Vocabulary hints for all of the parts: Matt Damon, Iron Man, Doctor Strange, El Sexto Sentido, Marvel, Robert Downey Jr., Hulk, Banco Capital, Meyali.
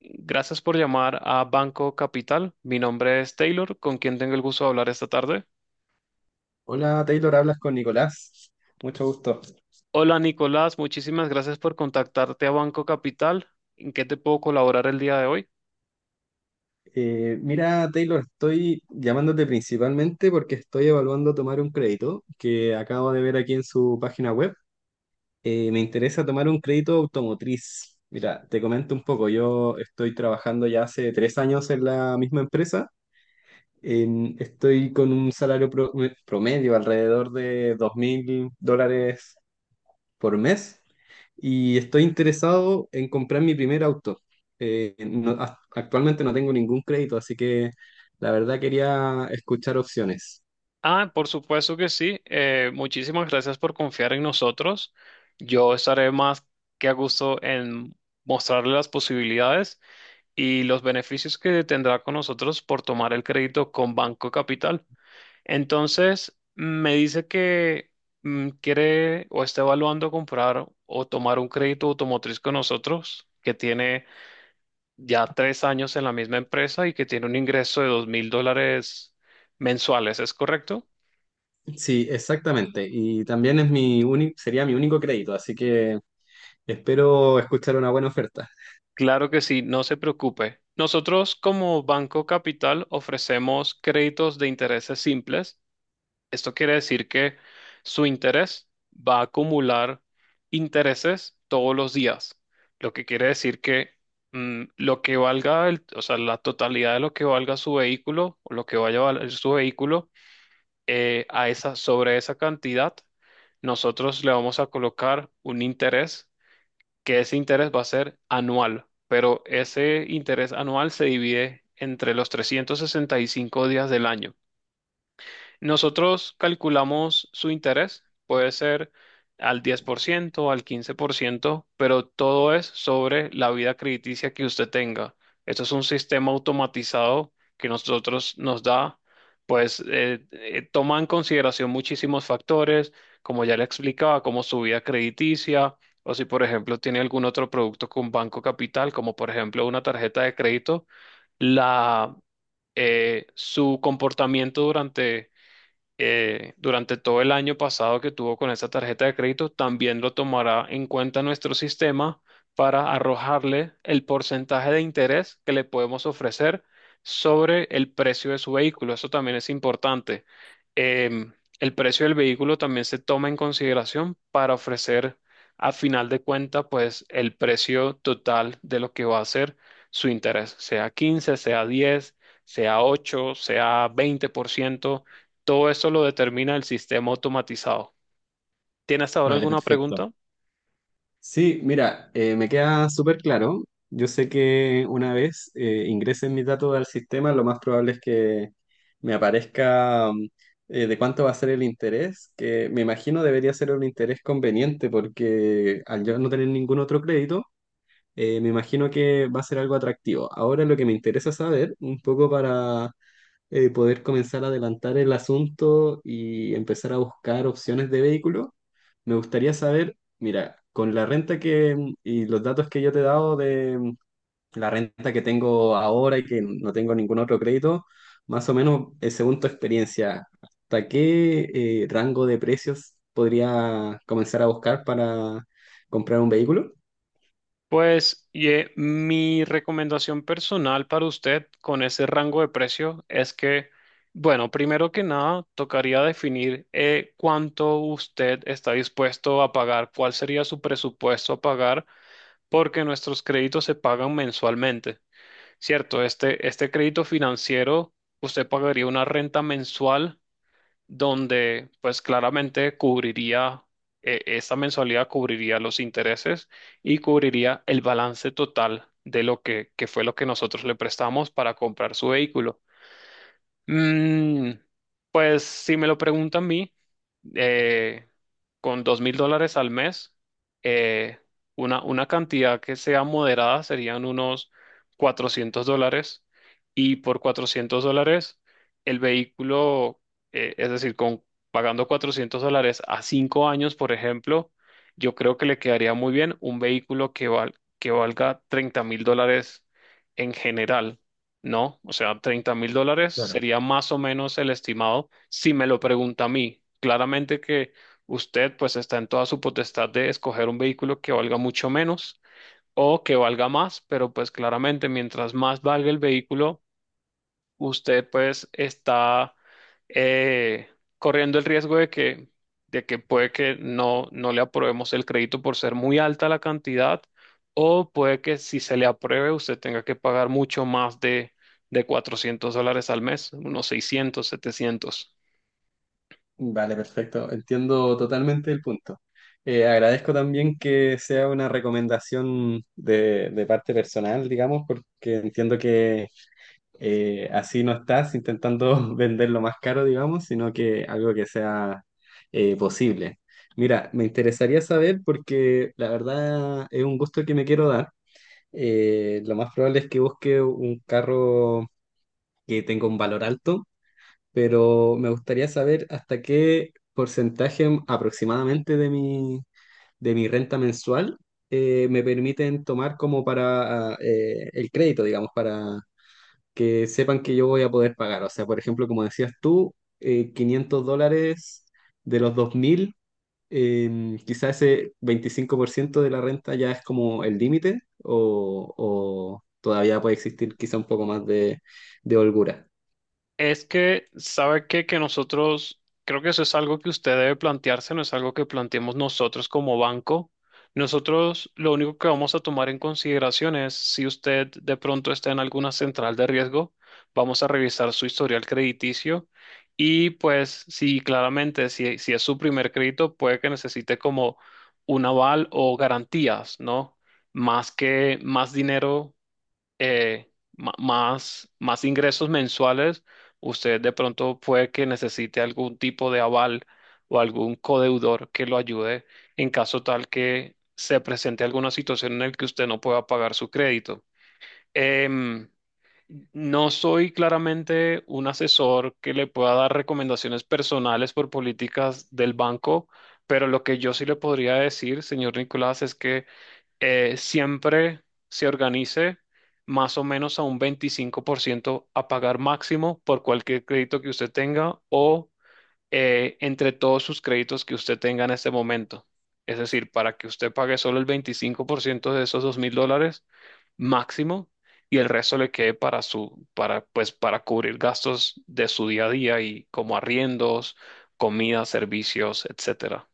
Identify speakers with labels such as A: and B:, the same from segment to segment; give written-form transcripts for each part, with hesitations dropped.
A: Gracias por llamar a Banco Capital. Mi nombre es Taylor, con quien tengo el gusto de hablar esta tarde.
B: Hola Taylor, hablas con Nicolás. Mucho gusto.
A: Hola Nicolás, muchísimas gracias por contactarte a Banco Capital. ¿En qué te puedo colaborar el día de hoy?
B: Mira Taylor, estoy llamándote principalmente porque estoy evaluando tomar un crédito que acabo de ver aquí en su página web. Me interesa tomar un crédito automotriz. Mira, te comento un poco. Yo estoy trabajando ya hace 3 años en la misma empresa. Estoy con un salario promedio alrededor de $2,000 por mes y estoy interesado en comprar mi primer auto. Actualmente no tengo ningún crédito, así que la verdad quería escuchar opciones.
A: Ah, por supuesto que sí. Muchísimas gracias por confiar en nosotros. Yo estaré más que a gusto en mostrarle las posibilidades y los beneficios que tendrá con nosotros por tomar el crédito con Banco Capital. Entonces, me dice que quiere o está evaluando comprar o tomar un crédito automotriz con nosotros, que tiene ya tres años en la misma empresa y que tiene un ingreso de $2000 mensuales, ¿es correcto?
B: Sí, exactamente. Y también sería mi único crédito, así que espero escuchar una buena oferta.
A: Claro que sí, no se preocupe. Nosotros como Banco Capital ofrecemos créditos de intereses simples. Esto quiere decir que su interés va a acumular intereses todos los días, lo que quiere decir que, lo que valga, o sea, la totalidad de lo que valga su vehículo o lo que vaya a valer su vehículo, a esa, sobre esa cantidad, nosotros le vamos a colocar un interés, que ese interés va a ser anual, pero ese interés anual se divide entre los 365 días del año. Nosotros calculamos su interés, puede ser al 10%, al 15%, pero todo es sobre la vida crediticia que usted tenga. Esto es un sistema automatizado que nosotros nos da, pues toma en consideración muchísimos factores, como ya le explicaba, como su vida crediticia, o si por ejemplo tiene algún otro producto con Banco Capital, como por ejemplo una tarjeta de crédito, la, su comportamiento durante, durante todo el año pasado que tuvo con esta tarjeta de crédito, también lo tomará en cuenta nuestro sistema para arrojarle el porcentaje de interés que le podemos ofrecer sobre el precio de su vehículo. Eso también es importante. Em, el precio del vehículo también se toma en consideración para ofrecer, a final de cuenta, pues, el precio total de lo que va a ser su interés, sea 15, sea 10, sea 8, sea 20%. Todo esto lo determina el sistema automatizado. ¿Tienes ahora
B: Vale,
A: alguna
B: perfecto.
A: pregunta?
B: Sí, mira, me queda súper claro. Yo sé que una vez ingresen mis datos al sistema, lo más probable es que me aparezca de cuánto va a ser el interés, que me imagino debería ser un interés conveniente porque al yo no tener ningún otro crédito, me imagino que va a ser algo atractivo. Ahora lo que me interesa saber, un poco para poder comenzar a adelantar el asunto y empezar a buscar opciones de vehículo. Me gustaría saber, mira, con la renta y los datos que yo te he dado de la renta que tengo ahora y que no tengo ningún otro crédito, más o menos, según tu experiencia, ¿hasta qué rango de precios podría comenzar a buscar para comprar un vehículo?
A: Pues mi recomendación personal para usted con ese rango de precio es que, bueno, primero que nada, tocaría definir cuánto usted está dispuesto a pagar, cuál sería su presupuesto a pagar, porque nuestros créditos se pagan mensualmente, ¿cierto? Este crédito financiero, usted pagaría una renta mensual donde pues claramente cubriría, esa mensualidad cubriría los intereses y cubriría el balance total de lo que fue lo que nosotros le prestamos para comprar su vehículo. Mm, pues si me lo preguntan a mí, eh, con $2000 al mes, eh, una cantidad que sea moderada serían unos $400, y por $400 el vehículo, es decir, pagando $400 a 5 años, por ejemplo, yo creo que le quedaría muy bien un vehículo que, que valga $30,000 en general. No, o sea, $30,000 sería más o menos el estimado si me lo pregunta a mí. Claramente que usted pues está en toda su potestad de escoger un vehículo que valga mucho menos o que valga más, pero pues claramente mientras más valga el vehículo, usted pues está, eh, corriendo el riesgo de que puede que no, no le aprobemos el crédito por ser muy alta la cantidad, o puede que si se le apruebe usted tenga que pagar mucho más de $400 al mes, unos 600 700.
B: Vale, perfecto. Entiendo totalmente el punto. Agradezco también que sea una recomendación de parte personal, digamos, porque entiendo que así no estás intentando venderlo más caro, digamos, sino que algo que sea posible. Mira, me interesaría saber porque la verdad es un gusto que me quiero dar. Lo más probable es que busque un carro que tenga un valor alto pero me gustaría saber hasta qué porcentaje aproximadamente de mi renta mensual me permiten tomar como para el crédito, digamos, para que sepan que yo voy a poder pagar. O sea, por ejemplo, como decías tú, 500 dólares de los 2.000, quizás ese 25% de la renta ya es como el límite o todavía puede existir quizá un poco más de holgura.
A: Es que, ¿sabe qué? Que nosotros, creo que eso es algo que usted debe plantearse, no es algo que planteemos nosotros como banco. Nosotros lo único que vamos a tomar en consideración es si usted de pronto está en alguna central de riesgo, vamos a revisar su historial crediticio, y pues si claramente, si, si es su primer crédito, puede que necesite como un aval o garantías, ¿no? Más que más dinero, eh, más, más ingresos mensuales, usted de pronto puede que necesite algún tipo de aval o algún codeudor que lo ayude en caso tal que se presente alguna situación en la que usted no pueda pagar su crédito. Em, no soy claramente un asesor que le pueda dar recomendaciones personales por políticas del banco, pero lo que yo sí le podría decir, señor Nicolás, es que, siempre se organice más o menos a un 25% a pagar máximo por cualquier crédito que usted tenga, o entre todos sus créditos que usted tenga en este momento. Es decir, para que usted pague solo el 25% de esos $2000 máximo, y el resto le quede para su, para, pues, para cubrir gastos de su día a día, y como arriendos, comida, servicios, etcétera.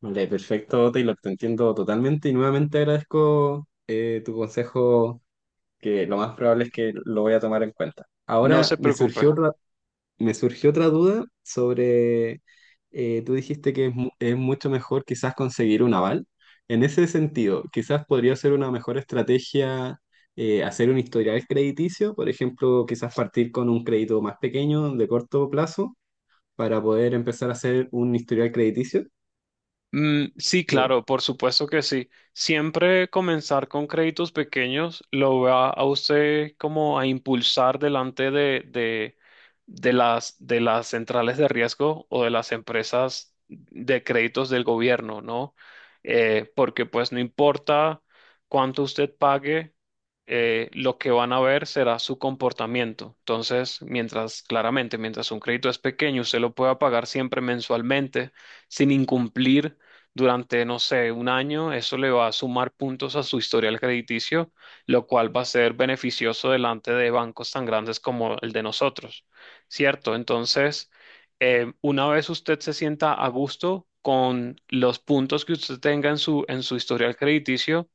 B: Vale, perfecto, Taylor, te entiendo totalmente y nuevamente agradezco tu consejo, que lo más probable es que lo voy a tomar en cuenta.
A: No se
B: Ahora me
A: preocupe.
B: surgió otra, Me surgió otra duda sobre, tú dijiste que es, es mucho mejor quizás conseguir un aval. En ese sentido, quizás podría ser una mejor estrategia hacer un historial crediticio, por ejemplo, quizás partir con un crédito más pequeño de corto plazo para poder empezar a hacer un historial crediticio.
A: Sí,
B: eh,
A: claro, por supuesto que sí. Siempre comenzar con créditos pequeños lo va a usted como a impulsar delante de las centrales de riesgo o de las empresas de créditos del gobierno, ¿no? Porque pues no importa cuánto usted pague, lo que van a ver será su comportamiento. Entonces, mientras, claramente, mientras un crédito es pequeño, usted lo pueda pagar siempre mensualmente sin incumplir durante, no sé, un año, eso le va a sumar puntos a su historial crediticio, lo cual va a ser beneficioso delante de bancos tan grandes como el de nosotros, ¿cierto? Entonces, una vez usted se sienta a gusto con los puntos que usted tenga en su historial crediticio,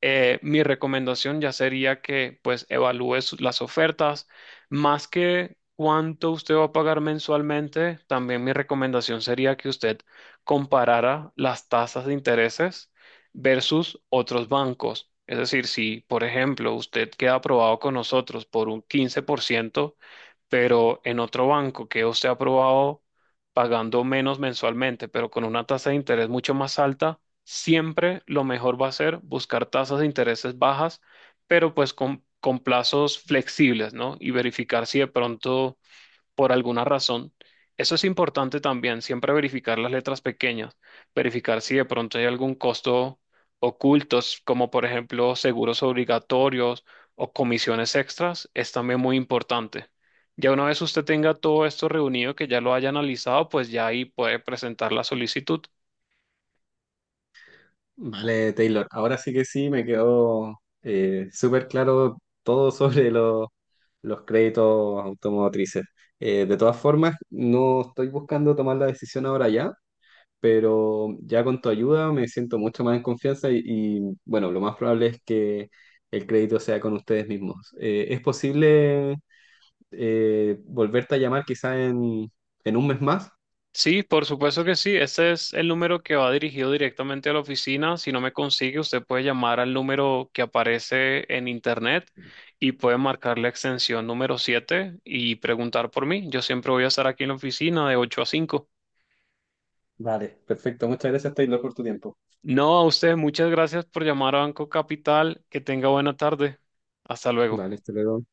A: mi recomendación ya sería que pues evalúe las ofertas. Más que cuánto usted va a pagar mensualmente, también mi recomendación sería que usted comparara las tasas de intereses versus otros bancos. Es decir, si por ejemplo usted queda aprobado con nosotros por un 15%, pero en otro banco que usted ha aprobado pagando menos mensualmente, pero con una tasa de interés mucho más alta, siempre lo mejor va a ser buscar tasas de intereses bajas, pero pues con plazos flexibles, ¿no? Y verificar si de pronto, por alguna razón, eso es importante también, siempre verificar las letras pequeñas, verificar si de pronto hay algún costo ocultos, como por ejemplo seguros obligatorios o comisiones extras, es también muy importante. Ya una vez usted tenga todo esto reunido, que ya lo haya analizado, pues ya ahí puede presentar la solicitud.
B: Vale, Taylor. Ahora sí que sí, me quedó súper claro todo sobre los créditos automotrices. De todas formas, no estoy buscando tomar la decisión ahora ya, pero ya con tu ayuda me siento mucho más en confianza y, bueno, lo más probable es que el crédito sea con ustedes mismos. ¿Es posible volverte a llamar quizá en un mes más?
A: Sí, por supuesto que sí. Ese es el número que va dirigido directamente a la oficina. Si no me consigue, usted puede llamar al número que aparece en internet y puede marcar la extensión número 7 y preguntar por mí. Yo siempre voy a estar aquí en la oficina de 8 a 5.
B: Vale, perfecto. Muchas gracias, Taylor, por tu tiempo.
A: No, a usted, muchas gracias por llamar a Banco Capital. Que tenga buena tarde. Hasta luego.
B: Vale, hasta luego.